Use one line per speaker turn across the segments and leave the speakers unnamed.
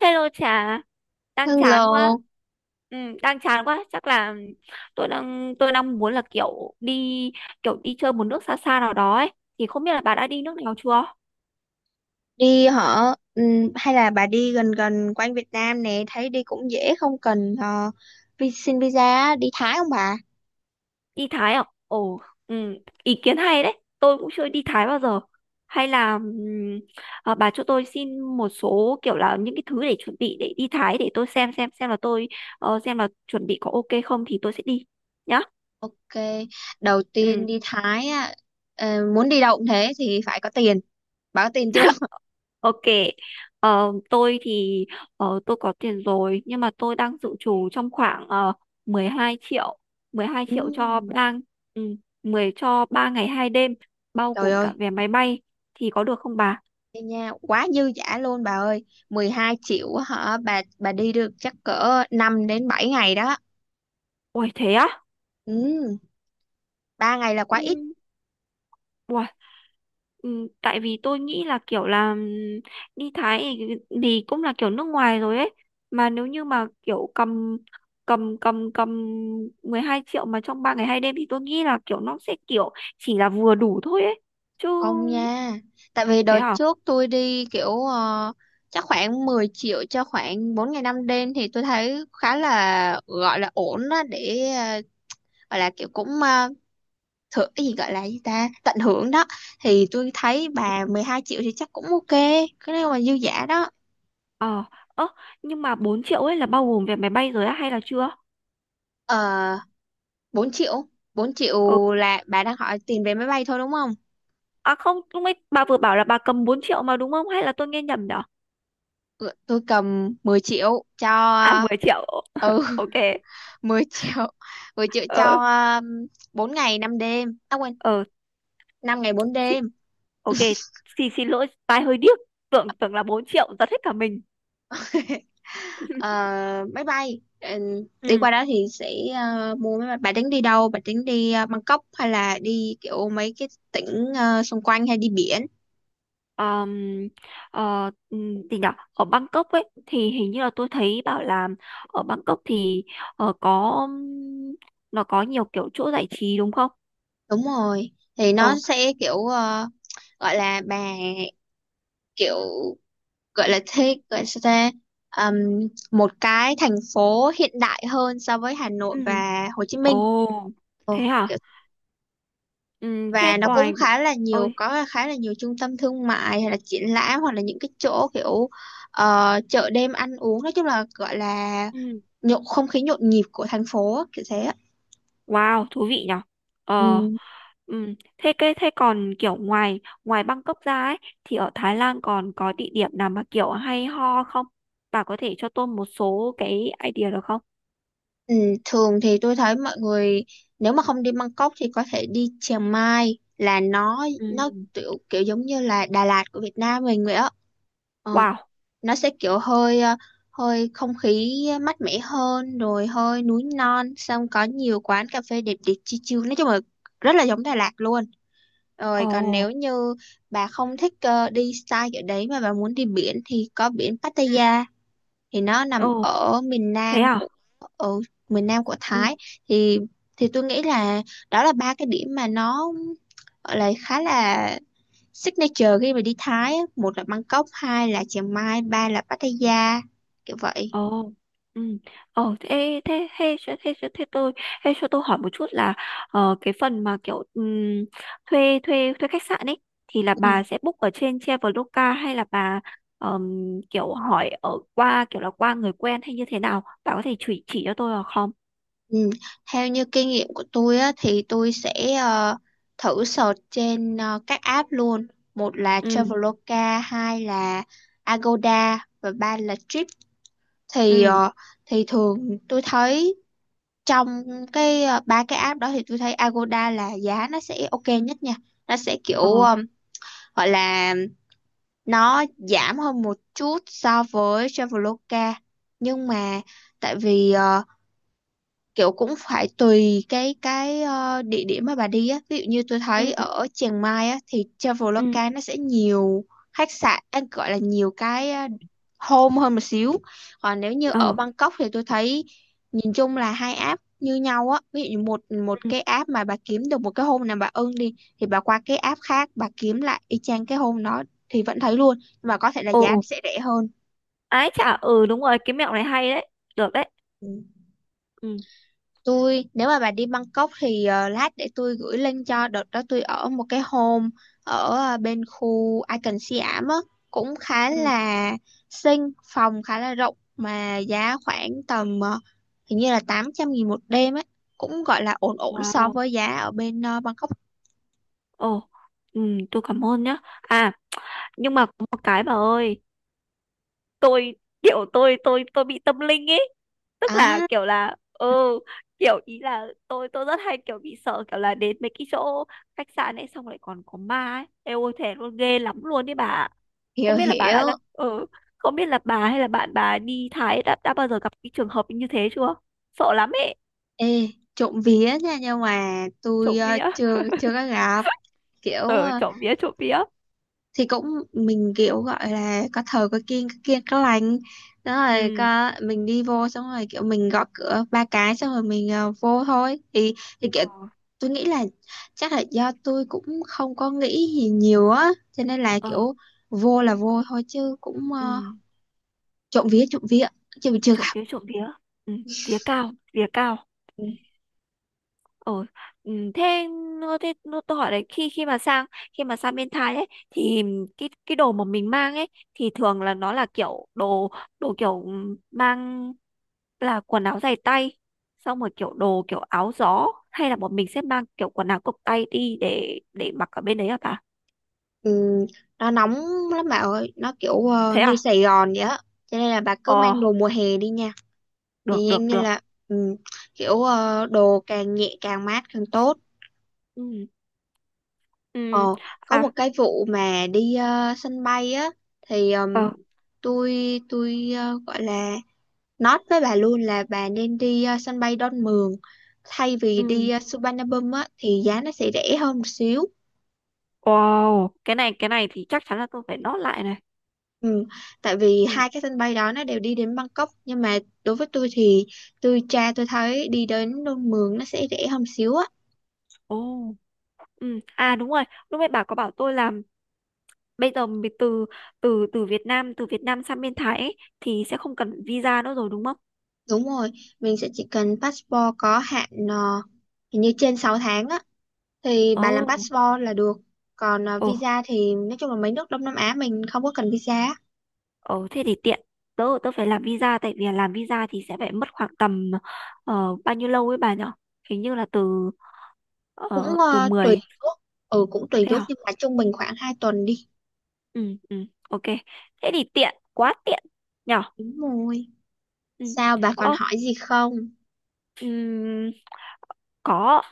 Hello Trà, đang chán quá.
Hello,
Ừ, đang chán quá, chắc là tôi đang muốn là kiểu đi chơi một nước xa xa nào đó ấy. Thì không biết là bà đã đi nước nào chưa?
đi hả? Hay là bà đi gần gần quanh Việt Nam nè, thấy đi cũng dễ không cần vi xin visa á, đi Thái không bà?
Đi Thái à? Ồ, ừ, ý kiến hay đấy. Tôi cũng chưa đi Thái bao giờ. Hay là bà cho tôi xin một số kiểu là những cái thứ để chuẩn bị để đi Thái, để tôi xem là tôi xem là chuẩn bị có ok không thì tôi sẽ đi nhá.
Ok, đầu tiên
Ừ.
đi Thái á, ờ, muốn đi đâu cũng thế thì phải có tiền. Bà có tiền chưa?
Ok, tôi thì tôi có tiền rồi, nhưng mà tôi đang dự trù trong khoảng 12 triệu, 12 triệu cho
Ừm,
ba ừ, 10 cho 3 ngày 2 đêm, bao
trời
gồm cả
ơi,
vé máy bay, thì có được không bà?
đi nha, quá dư dả luôn bà ơi. 12 triệu hả? Bà đi được chắc cỡ 5 đến 7 ngày đó.
Ôi thế á?
Ừm, 3 ngày là quá ít.
Ừ. Ừ, tại vì tôi nghĩ là kiểu là đi Thái thì cũng là kiểu nước ngoài rồi ấy, mà nếu như mà kiểu cầm cầm cầm cầm 12 triệu mà trong 3 ngày 2 đêm thì tôi nghĩ là kiểu nó sẽ kiểu chỉ là vừa đủ thôi ấy chứ.
Không nha. Tại vì
Thế
đợt
à?
trước tôi đi kiểu chắc khoảng 10 triệu cho khoảng 4 ngày 5 đêm thì tôi thấy khá là gọi là ổn đó để gọi là kiểu cũng thử cái gì gọi là gì ta tận hưởng đó, thì tôi thấy bà
Ừ.
12 triệu thì chắc cũng ok, cái này mà dư giả đó.
ờ ơ Nhưng mà 4 triệu ấy là bao gồm vé máy bay rồi á hay là chưa?
uh, 4 triệu, 4 triệu
Ừ.
là bà đang hỏi tiền vé máy bay thôi đúng không?
À không, lúc ấy bà vừa bảo là bà cầm 4 triệu mà, đúng không, hay là tôi nghe nhầm nhở?
Ừ, tôi cầm 10 triệu cho.
À, 10 triệu.
Ừ
Ok.
10 triệu, 10 triệu cho
Ờ.
um, 4 ngày 5 đêm, à quên,
Ờ,
5 ngày 4 đêm.
ok. Xin xin lỗi, tai hơi điếc. Tưởng tưởng là 4 triệu, giật hết cả mình.
Ờ, máy bay. Ờ, đi
Ừ.
qua đó thì sẽ mua máy bay. Bạn tính đi đâu, bạn tính đi Bangkok hay là đi kiểu mấy cái tỉnh xung quanh hay đi biển?
um, Gì nhở? Ở Bangkok ấy thì hình như là tôi thấy bảo là ở Bangkok thì có nó có nhiều kiểu chỗ giải trí đúng không?
Đúng rồi, thì nó
Ờ.
sẽ kiểu gọi là bà kiểu gọi là thích gọi là sao ta. Ừm, một cái thành phố hiện đại hơn so với Hà Nội
Ừ.
và Hồ Chí Minh.
Ồ,
Ồ,
thế hả? Thế
và nó cũng
ngoài
khá là nhiều,
ơi,
có khá là nhiều trung tâm thương mại hay là triển lãm hoặc là những cái chỗ kiểu chợ đêm ăn uống, nói chung là gọi là
ừm,
nhộn, không khí nhộn nhịp của thành phố á, kiểu thế á.
wow, thú vị nhở? Ờ.
Ừ.
Ừ. Thế cái thế còn kiểu ngoài ngoài Bangkok ra ấy thì ở Thái Lan còn có địa điểm nào mà kiểu hay ho không? Bà có thể cho tôi một số cái idea được không?
Ừ, thường thì tôi thấy mọi người nếu mà không đi Bangkok thì có thể đi Chiang Mai, là nó
Ừ.
nó kiểu kiểu giống như là Đà Lạt của Việt Nam mình vậy á. Ờ.
Wow.
Nó sẽ kiểu hơi hơi không khí mát mẻ hơn, rồi hơi núi non, xong có nhiều quán cà phê đẹp đẹp chill chill, nói chung là rất là giống Đà Lạt luôn. Rồi còn
Ồ.
nếu như bà không thích đi style kiểu đấy mà bà muốn đi biển thì có biển
Ừ.
Pattaya, thì nó nằm
Ồ,
ở miền
thế
Nam
à?
của, ở miền Nam của
Ừ.
Thái. thì thì tôi nghĩ là đó là ba cái điểm mà nó gọi là khá là signature khi mà đi Thái á, một là Bangkok, hai là Chiang Mai, ba là Pattaya, kiểu vậy.
Ồ, ừ. Ồ, Thế, tôi thế cho tôi hỏi một chút là cái phần mà kiểu thuê thuê thuê khách sạn ấy thì là
Ừ.
bà sẽ book ở trên Traveloka hay là bà ờm, kiểu hỏi ở qua kiểu là qua người quen hay như thế nào? Bà có thể chỉ cho tôi được không?
Ừ. Theo như kinh nghiệm của tôi á, thì tôi sẽ ờ, thử search trên các app luôn. Một là
Ừ,
Traveloka, hai là Agoda và ba là Trip. Thì
ừ,
thì thường tôi thấy trong cái ba cái app đó thì tôi thấy Agoda là giá nó sẽ ok nhất nha. Nó sẽ
ờ,
kiểu gọi là nó giảm hơn một chút so với Traveloka, nhưng mà tại vì kiểu cũng phải tùy cái địa điểm mà bà đi á, ví dụ như tôi
ừ,
thấy ở Chiang Mai á thì
ừ,
Traveloka nó sẽ nhiều khách sạn, anh gọi là nhiều cái home hơn một xíu. Còn nếu như ở
ờ,
Bangkok thì tôi thấy nhìn chung là hai app như nhau á, ví dụ như một một
ừ,
cái app mà bà kiếm được một cái home nào bà ưng đi thì bà qua cái app khác bà kiếm lại y chang cái home đó thì vẫn thấy luôn, nhưng mà có thể là giá nó
ồ,
sẽ rẻ hơn.
ái chả, ừ, đúng rồi, cái mẹo này hay đấy, được đấy.
Ừ.
Ừ,
Tôi nếu mà bà đi Bangkok thì lát để tôi gửi link cho. Đợt đó tôi ở một cái home ở bên khu Icon Siam á, cũng khá
ừ.
là xinh, phòng khá là rộng mà giá khoảng tầm hình như là 800.000 một đêm ấy, cũng gọi là ổn ổn so
Wow.
với giá ở bên Bangkok.
Ồ. Ừ, tôi cảm ơn nhá. À, nhưng mà có một cái bà ơi, tôi kiểu tôi bị tâm linh ấy, tức là
À,
kiểu là ừ kiểu ý là tôi rất hay kiểu bị sợ kiểu là đến mấy cái chỗ khách sạn ấy xong lại còn có ma ấy. Ê, ôi thề luôn, ghê lắm luôn đấy bà.
hiểu
Không biết là bà
hiểu.
đã ừ không biết là bà hay là bạn bà đi Thái đã bao giờ gặp cái trường hợp như thế chưa, sợ lắm ấy.
Ê, trộm vía nha, nhưng mà tôi
Trộm vía.
chưa chưa có gặp kiểu.
Ờ, trộm vía, trộm vía.
Thì cũng mình kiểu gọi là có thờ có kiêng, có kiêng có lành đó, rồi
Ừ.
có mình đi vô xong rồi kiểu mình gõ cửa ba cái xong rồi mình vô thôi. Thì
Ờ.
kiểu tôi nghĩ là chắc là do tôi cũng không có nghĩ gì nhiều á, cho nên là
Ờ,
kiểu vô là vô thôi chứ cũng
ừ,
trộm vía chứ mình chưa
trộm
gặp.
vía, trộm vía. Ừ. Vía cao, vía cao. Ồ. Ừ, thế nó- tôi hỏi đấy, khi khi mà sang bên Thái ấy thì cái đồ mà mình mang ấy thì thường là nó là kiểu đồ, kiểu mang là quần áo dài tay, xong rồi kiểu đồ kiểu áo gió, hay là bọn mình sẽ mang kiểu quần áo cộc tay đi để mặc ở bên đấy hả bà?
Ừ, nó nóng lắm bà ơi, nó kiểu
Thế
như
à?
Sài Gòn vậy á, cho nên là bà cứ
Ờ,
mang đồ mùa hè đi nha. Thì
được,
dạng
được,
như
được.
là ừ, kiểu đồ càng nhẹ càng mát càng tốt.
Ừ. Ừ.
Ờ, có
À.
một cái vụ mà đi sân bay á, thì
Ờ.
tôi gọi là nói với bà luôn là bà nên đi sân bay Đon Mường thay vì đi
Ừ.
Suvarnabhum á, thì giá nó sẽ rẻ hơn một xíu.
Wow, cái này thì chắc chắn là tôi phải nốt lại này.
Ừ, tại vì
Ừ.
hai cái sân bay đó nó đều đi đến Bangkok, nhưng mà đối với tôi thì tôi tra tôi thấy đi đến Đon Mường nó sẽ rẻ hơn một xíu á.
Ồ. Ừ. À, đúng rồi, lúc nãy bà có bảo tôi là bây giờ mình từ từ từ Việt Nam sang bên Thái ấy, thì sẽ không cần visa nữa rồi đúng không?
Đúng rồi, mình sẽ chỉ cần passport có hạn hình như trên 6 tháng á, thì bà làm
Ồ.
passport là được. Còn
Ồ.
visa thì nói chung là mấy nước Đông Nam Á mình không có cần visa á.
Ồ, thế thì tiện. Tớ tớ phải làm visa, tại vì làm visa thì sẽ phải mất khoảng tầm bao nhiêu lâu ấy bà nhở? Hình như là từ
Cũng
từ
tùy
mười.
nước. Ừ, cũng tùy
Thế
nước
hả?
nhưng mà trung bình khoảng 2 tuần đi.
Ừ, ừ, ok. Thế thì tiện, quá tiện nhở?
Đúng rồi.
Ừ.
Sao bà còn
Ờ,
hỏi gì không?
ừm, có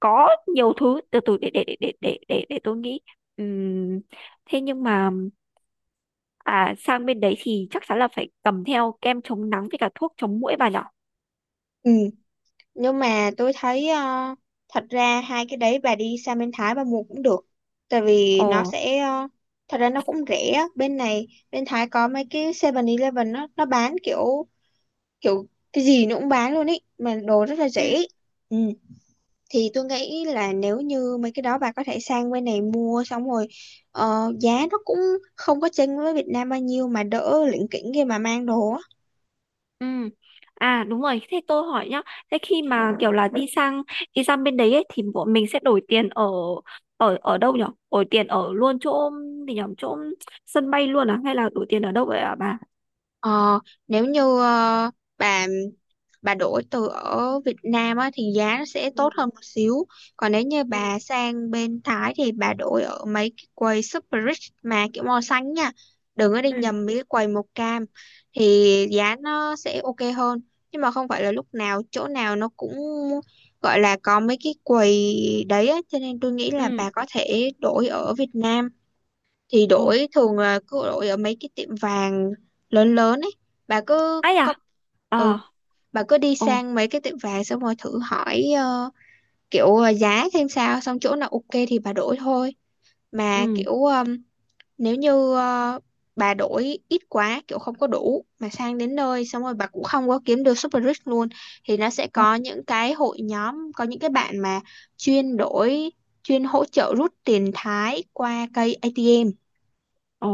có nhiều thứ từ từ để tôi nghĩ. Ừm, thế nhưng mà à sang bên đấy thì chắc chắn là phải cầm theo kem chống nắng với cả thuốc chống muỗi bà nhở?
Ừ, nhưng mà tôi thấy thật ra hai cái đấy bà đi sang bên Thái bà mua cũng được, tại vì
Ồ.
nó sẽ thật ra nó cũng rẻ á. Bên này bên Thái có mấy cái Seven eleven, nó bán kiểu kiểu cái gì nó cũng bán luôn ý, mà đồ rất là
Ừ.
rẻ. Ừ, thì tôi nghĩ là nếu như mấy cái đó bà có thể sang bên này mua xong rồi giá nó cũng không có chênh với Việt Nam bao nhiêu mà đỡ lỉnh kỉnh khi mà mang đồ á.
Ừ. À, đúng rồi, thế tôi hỏi nhá, thế khi mà kiểu là đi sang bên đấy ấy, thì bọn mình sẽ đổi tiền ở ở ở đâu nhở, đổi tiền ở luôn chỗ, thì nhở chỗ sân bay luôn à hay là đổi tiền ở đâu vậy ạ bà?
Ờ, nếu như bà bà đổi từ ở Việt Nam á, thì giá nó sẽ
Ừ,
tốt hơn một xíu. Còn nếu như
ừ,
bà sang bên Thái thì bà đổi ở mấy cái quầy Super Rich mà kiểu màu xanh nha. Đừng có đi
ừ,
nhầm mấy cái quầy màu cam, thì giá nó sẽ ok hơn. Nhưng mà không phải là lúc nào chỗ nào nó cũng gọi là có mấy cái quầy đấy á, cho nên tôi nghĩ là bà
ừ,
có thể đổi ở Việt Nam. Thì
ồ,
đổi thường là cứ đổi ở mấy cái tiệm vàng lớn lớn ấy, bà cứ
ai
có
à,
ừ,
ờ
bà cứ đi
ồ,
sang mấy cái tiệm vàng xong rồi thử hỏi kiểu giá xem sao, xong chỗ nào ok thì bà đổi thôi. Mà
ừ.
kiểu nếu như bà đổi ít quá, kiểu không có đủ mà sang đến nơi xong rồi bà cũng không có kiếm được Super Rich luôn, thì nó sẽ
Ờ,
có những cái hội nhóm, có những cái bạn mà chuyên đổi, chuyên hỗ trợ rút tiền Thái qua cây ATM,
ờ,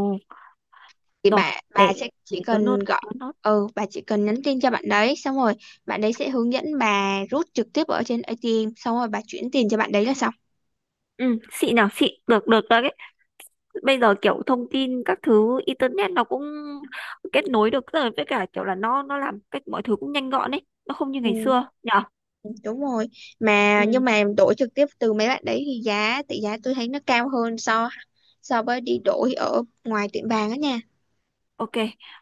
thì
rồi
bà
để
sẽ
để
chỉ
tớ nốt,
cần gọi.
tớ nốt.
Ừ, bà chỉ cần nhắn tin cho bạn đấy, xong rồi bạn đấy sẽ hướng dẫn bà rút trực tiếp ở trên ATM, xong rồi bà chuyển tiền cho bạn đấy là xong.
Ừ, xịn nào, xịn, được được đấy. Bây giờ kiểu thông tin các thứ internet nó cũng kết nối được rồi, với cả kiểu là nó làm cách mọi thứ cũng nhanh gọn ấy, nó không như ngày
Ừ,
xưa nhở?
đúng rồi, mà nhưng
Ừ,
mà đổi trực tiếp từ mấy bạn đấy thì tỷ giá tôi thấy nó cao hơn so, so với đi đổi ở ngoài tiệm vàng á nha.
ok.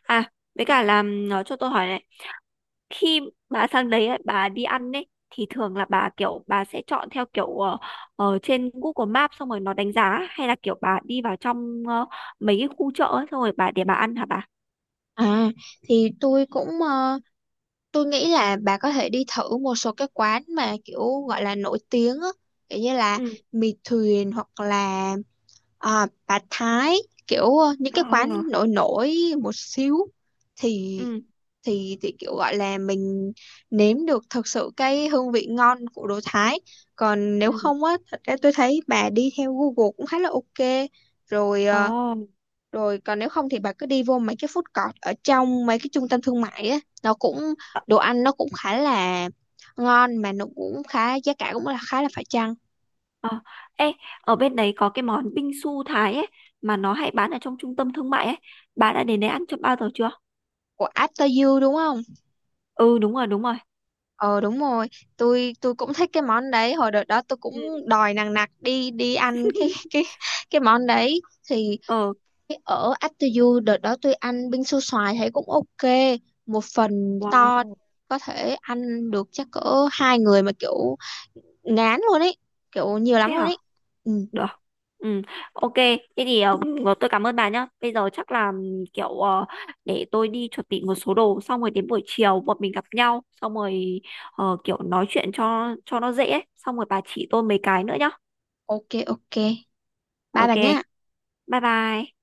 À, với cả là nó cho tôi hỏi này, khi bà sang đấy ấy, bà đi ăn ấy thì thường là bà kiểu bà sẽ chọn theo kiểu ở trên Google Maps xong rồi nó đánh giá, hay là kiểu bà đi vào trong mấy cái khu chợ ấy, xong rồi bà để bà ăn hả bà?
À, thì tôi cũng tôi nghĩ là bà có thể đi thử một số cái quán mà kiểu gọi là nổi tiếng á, kiểu như là
Ừ.
mì thuyền, hoặc là à, bà Thái, kiểu những cái quán
Ờ,
nổi nổi một xíu, thì
ừ,
thì kiểu gọi là mình nếm được thật sự cái hương vị ngon của đồ Thái. Còn nếu
ừ,
không á, thật ra tôi thấy bà đi theo Google cũng khá là ok rồi. Ờ,
ồ,
Rồi còn nếu không thì bà cứ đi vô mấy cái food court ở trong mấy cái trung tâm thương mại á, nó cũng
ờ,
đồ ăn nó cũng khá là ngon, mà nó cũng khá, giá cả cũng là khá là phải chăng.
ờ. Ê, ở bên đấy có cái món bingsu su Thái ấy mà nó hay bán ở trong trung tâm thương mại ấy. Bà đã đến đấy ăn cho bao giờ chưa?
Của After You đúng không?
Ừ, đúng rồi, đúng rồi.
Ờ đúng rồi, tôi cũng thích cái món đấy. Hồi đợt đó tôi cũng
Ừ.
đòi nằng nặc đi đi ăn cái cái cái món đấy. Thì
Ờ,
cái ở After You đợt đó tôi ăn bingsu su xoài thấy cũng ok, một phần to,
wow.
có thể ăn được chắc cỡ 2 người mà kiểu ngán luôn ấy, kiểu nhiều lắm
Thế
luôn
hả?
ấy. Ừ.
Được. Ừ, ok. Thế thì tôi cảm ơn bà nhá. Bây giờ chắc là kiểu để tôi đi chuẩn bị một số đồ, xong rồi đến buổi chiều bọn mình gặp nhau xong rồi kiểu nói chuyện cho nó dễ ấy. Xong rồi bà chỉ tôi mấy cái nữa nhá.
Ok ok, bye
Ok.
bà nhá.
Bye bye.